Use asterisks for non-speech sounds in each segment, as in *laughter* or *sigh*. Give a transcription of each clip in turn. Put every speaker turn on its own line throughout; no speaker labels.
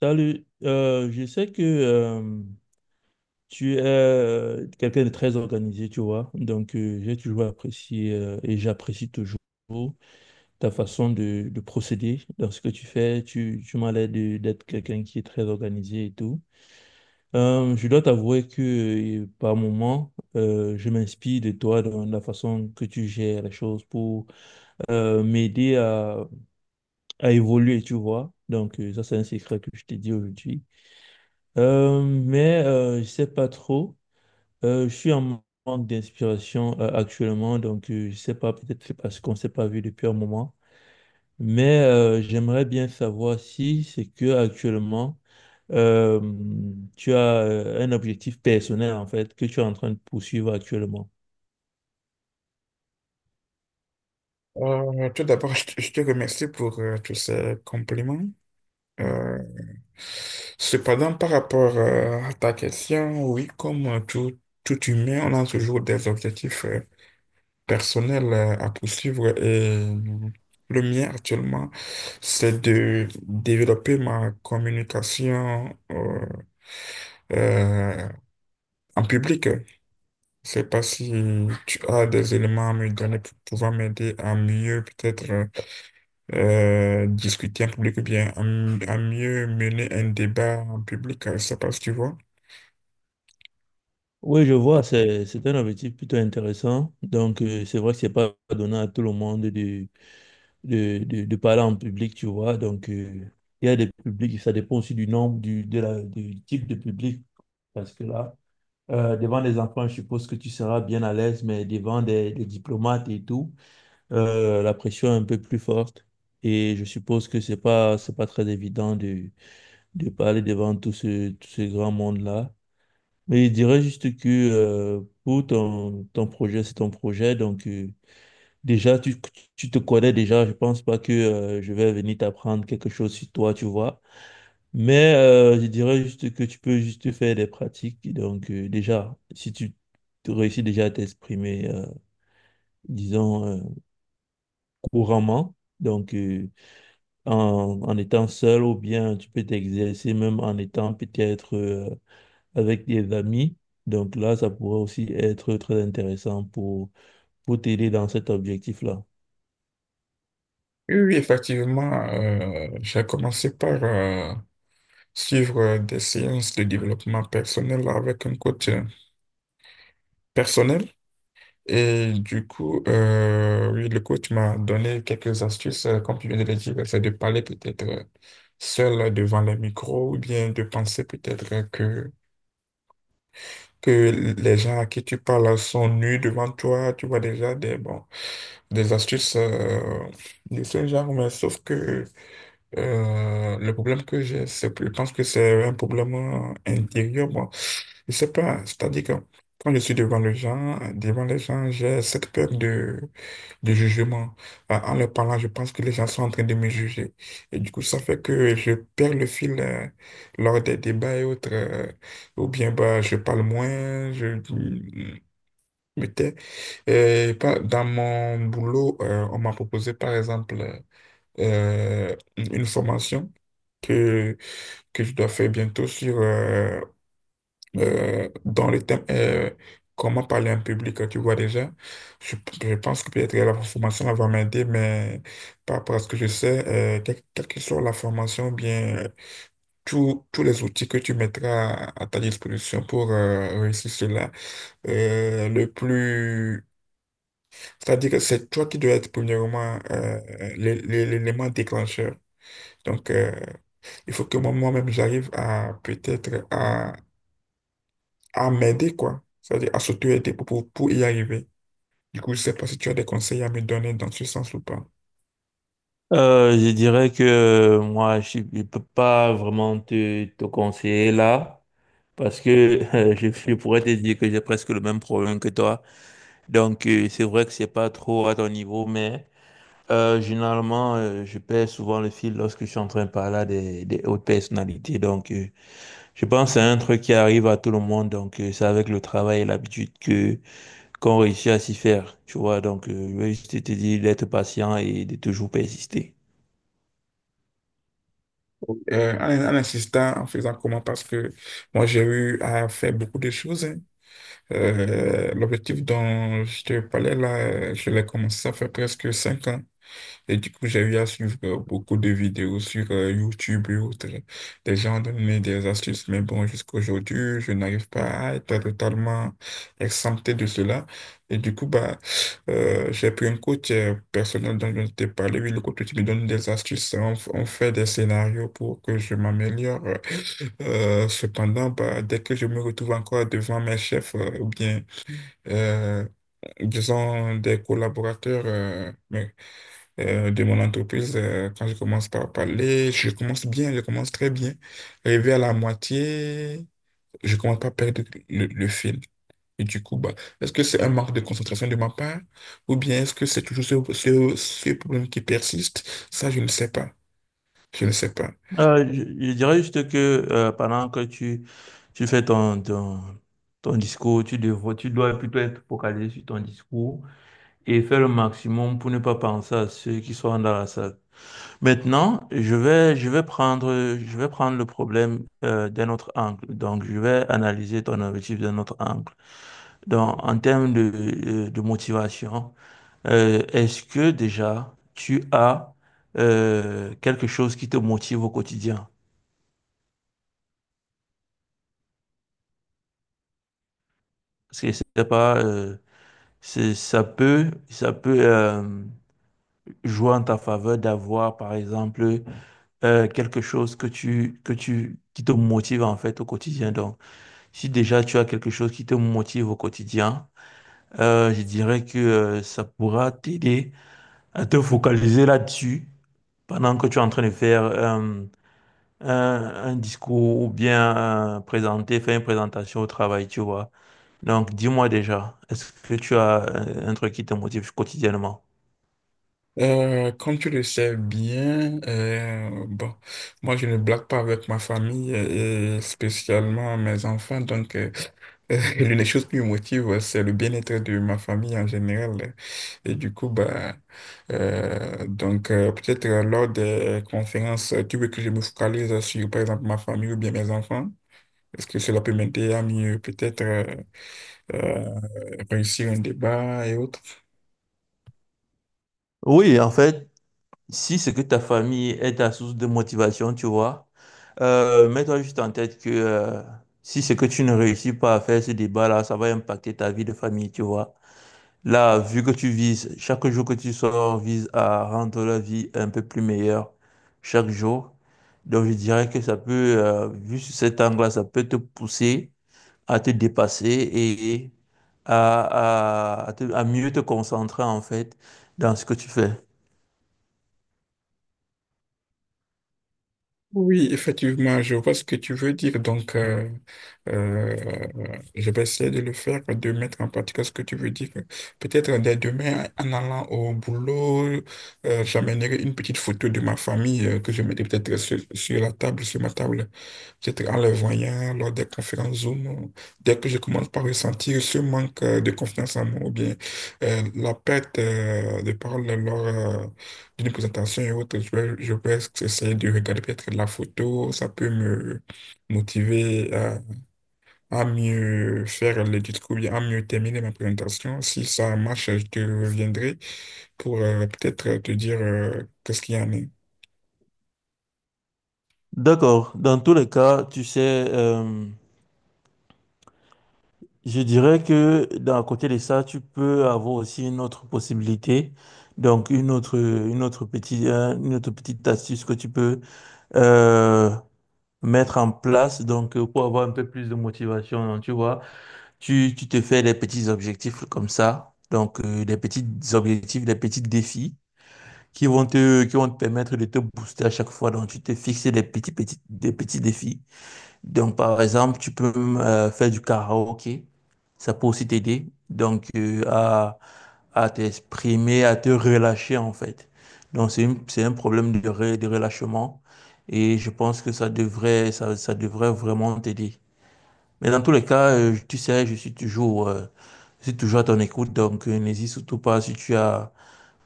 Salut. Je sais que tu es quelqu'un de très organisé, tu vois. J'ai toujours apprécié et j'apprécie toujours ta façon de procéder dans ce que tu fais. Tu m'as l'air d'être quelqu'un qui est très organisé et tout. Je dois t'avouer que par moments, je m'inspire de toi dans la façon que tu gères les choses pour m'aider à évoluer, tu vois. Ça, c'est un secret que je t'ai dit aujourd'hui. Mais je sais pas trop. Je suis en manque d'inspiration actuellement, je sais pas, peut-être c'est parce qu'on s'est pas vu depuis un moment. Mais j'aimerais bien savoir si c'est que actuellement euh, tu as un objectif personnel en fait que tu es en train de poursuivre actuellement.
Tout d'abord, je te remercie pour tous ces compliments. Euh, Cependant, par rapport à ta question, oui, comme tout humain, on a toujours des objectifs personnels à poursuivre et le mien actuellement, c'est de développer ma communication euh, en public. Je sais pas si tu as des éléments à me donner pour pouvoir m'aider à mieux peut-être discuter en public ou bien à mieux mener un débat en public, ça passe, tu vois.
Oui, je vois, c'est un objectif plutôt intéressant. C'est vrai que c'est pas donné à tout le monde de parler en public, tu vois. Il y a des publics, ça dépend aussi du nombre, du type de public. Parce que là, devant des enfants, je suppose que tu seras bien à l'aise, mais devant des diplomates et tout, la pression est un peu plus forte. Et je suppose que c'est pas très évident de parler devant tout ce grand monde-là. Mais je dirais juste que pour ton projet, c'est ton projet. Donc, déjà, tu te connais déjà, je pense pas que je vais venir t'apprendre quelque chose sur toi, tu vois. Mais je dirais juste que tu peux juste faire des pratiques. Déjà, si tu te réussis déjà à t'exprimer, disons, couramment, en, en étant seul ou bien tu peux t'exercer même en étant peut-être avec des amis. Donc là, ça pourrait aussi être très intéressant pour t'aider dans cet objectif-là.
Oui, oui, effectivement, j'ai commencé par suivre des séances de développement personnel avec un coach personnel. Et du coup, oui, le coach m'a donné quelques astuces, comme tu viens de le dire, c'est de parler peut-être seul devant le micro ou bien de penser peut-être que les gens à qui tu parles sont nus devant toi. Tu vois déjà des, bon, des astuces de ce genre, mais sauf que le problème que j'ai, c'est, je pense que c'est un problème intérieur. Bon, je sais pas, c'est-à-dire que quand je suis devant les gens, j'ai cette peur de jugement. En leur parlant, je pense que les gens sont en train de me juger. Et du coup, ça fait que je perds le fil lors des débats et autres. Ou bien bah, je parle moins, me tais. Dans mon boulot, on m'a proposé, par exemple, euh, une formation que, que je dois faire bientôt sur, dans le thème comment parler à un public, tu vois déjà. Je, je pense que peut-être la formation elle va m'aider, mais par rapport à ce que je sais, quelle que soit la formation, bien tous les outils que tu mettras à ta disposition pour réussir cela, le plus... C'est-à-dire que c'est toi qui dois être premièrement l'élément déclencheur. Donc, il faut que moi-même, j'arrive à peut-être à m'aider, quoi. C'est-à-dire à s'auto-aider pour y arriver. Du coup, je ne sais pas si tu as des conseils à me donner dans ce sens ou pas.
Je dirais que moi, je ne peux pas vraiment te, te conseiller là, parce que *laughs* je pourrais te dire que j'ai presque le même problème que toi. Donc, c'est vrai que c'est pas trop à ton niveau, mais généralement, je perds souvent le fil lorsque je suis en train de parler à des hautes personnalités. Donc, je pense que c'est un truc qui arrive à tout le monde. Donc, c'est avec le travail et l'habitude que qu'on réussit à s'y faire, tu vois. Donc, je vais juste te dire d'être patient et de toujours persister.
En insistant, en faisant comment, parce que moi, j'ai eu à faire beaucoup de choses, hein. L'objectif dont je te parlais, là, je l'ai commencé, ça fait presque cinq ans. Et du coup, j'ai eu à suivre beaucoup de vidéos sur YouTube et autres. Des gens donnaient des astuces, mais bon, jusqu'à aujourd'hui, je n'arrive pas à être totalement exempté de cela. Et du coup, bah, j'ai pris un coach personnel dont je t'ai parlé. Oui, le coach qui me donne des astuces. On fait des scénarios pour que je m'améliore. Cependant, bah, dès que je me retrouve encore devant mes chefs, ou bien, euh, disons, des collaborateurs, de mon entreprise, quand je commence par parler, je commence bien, je commence très bien. Arrivé à la moitié, je commence pas à perdre le fil. Et du coup, bah, est-ce que c'est un manque de concentration de ma part ou bien est-ce que c'est toujours ce problème qui persiste? Ça, je ne sais pas. Je ne sais pas.
Je dirais juste que pendant que tu fais ton discours, tu dois plutôt être focalisé sur ton discours et faire le maximum pour ne pas penser à ceux qui sont dans la salle. Maintenant, je vais prendre le problème d'un autre angle. Donc, je vais analyser ton objectif d'un autre angle. Donc, en termes de motivation, est-ce que déjà tu as quelque chose qui te motive au quotidien? Parce que c'est pas, c'est- Ça peut, ça peut jouer en ta faveur d'avoir, par exemple, quelque chose qui te motive en fait au quotidien. Donc, si déjà tu as quelque chose qui te motive au quotidien, je dirais que ça pourra t'aider à te focaliser là-dessus pendant que tu es en train de faire un discours ou bien faire une présentation au travail, tu vois. Donc, dis-moi déjà, est-ce que tu as un truc qui te motive quotidiennement?
Comme tu le sais bien, bon, moi je ne blague pas avec ma famille et spécialement mes enfants, donc *laughs* l'une des choses qui me motive, c'est le bien-être de ma famille en général. Et du coup, bah, donc peut-être lors des conférences, tu veux que je me focalise sur par exemple ma famille ou bien mes enfants? Est-ce que cela peut m'aider à mieux peut-être euh, réussir un débat et autres?
Oui, en fait, si c'est que ta famille est ta source de motivation, tu vois, mets-toi juste en tête que si c'est que tu ne réussis pas à faire ce débat-là, ça va impacter ta vie de famille, tu vois. Là, vu que tu vises, chaque jour que tu sors vise à rendre la vie un peu plus meilleure chaque jour. Donc, je dirais que vu sur cet angle-là, ça peut te pousser à te dépasser et à à mieux te concentrer en fait dans ce que tu fais.
Oui, effectivement, je vois ce que tu veux dire. Donc, euh, je vais essayer de le faire, de mettre en pratique ce que tu veux dire. Peut-être dès demain, en allant au boulot, j'amènerai une petite photo de ma famille que je mettrai peut-être sur la table, sur ma table. Peut-être en les voyant lors des conférences Zoom, dès que je commence par ressentir ce manque de confiance en moi ou bien la perte de parole d'une présentation et autres, je vais essayer de regarder peut-être la photo, ça peut me motiver à mieux faire le discours, bien à mieux terminer ma présentation. Si ça marche, je te reviendrai pour peut-être te dire qu'est-ce qu'il y en a.
D'accord. Dans tous les cas, tu sais, je dirais que d'un côté de ça, tu peux avoir aussi une autre possibilité. Donc, une autre petite astuce que tu peux euh, mettre en place pour avoir un peu plus de motivation. Donc, tu vois, tu te fais des petits objectifs comme ça. Des petits objectifs, des petits défis qui vont te permettre de te booster à chaque fois. Donc, tu te fixes des petits défis. Donc, par exemple, tu peux faire du karaoké. Ça peut aussi t'aider. Donc, à t'exprimer, à te relâcher, en fait. Donc, c'est un problème de, de relâchement. Et je pense que ça devrait vraiment t'aider. Mais dans tous les cas, tu sais, je suis toujours à ton écoute. Donc, n'hésite surtout pas si tu as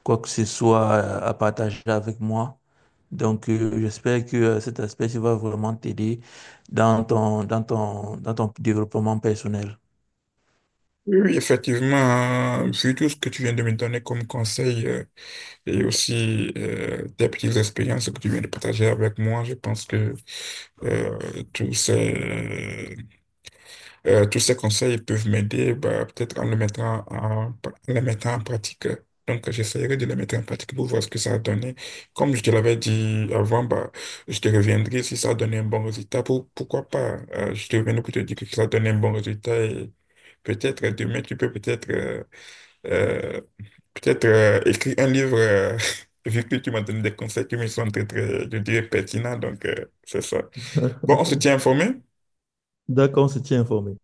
quoi que ce soit à partager avec moi. J'espère que cet aspect ça va vraiment t'aider dans dans ton développement personnel.
Oui, oui, effectivement, vu tout ce que tu viens de me donner comme conseil et aussi tes petites expériences que tu viens de partager avec moi, je pense que euh, tous ces tous ces conseils peuvent m'aider, bah, peut-être en les mettant en pratique. Donc, j'essaierai de les mettre en pratique pour voir ce que ça a donné. Comme je te l'avais dit avant, bah, je te reviendrai si ça a donné un bon résultat. Pourquoi pas? Je te reviendrai pour te dire que ça a donné un bon résultat et peut-être demain, tu peux euh, peut-être écrire un livre, *laughs* vu que tu m'as donné des conseils qui me sont très, très, je dirais, pertinents. Donc, c'est ça. Bon, on se
*laughs*
tient informé.
D'accord, on se tient informé.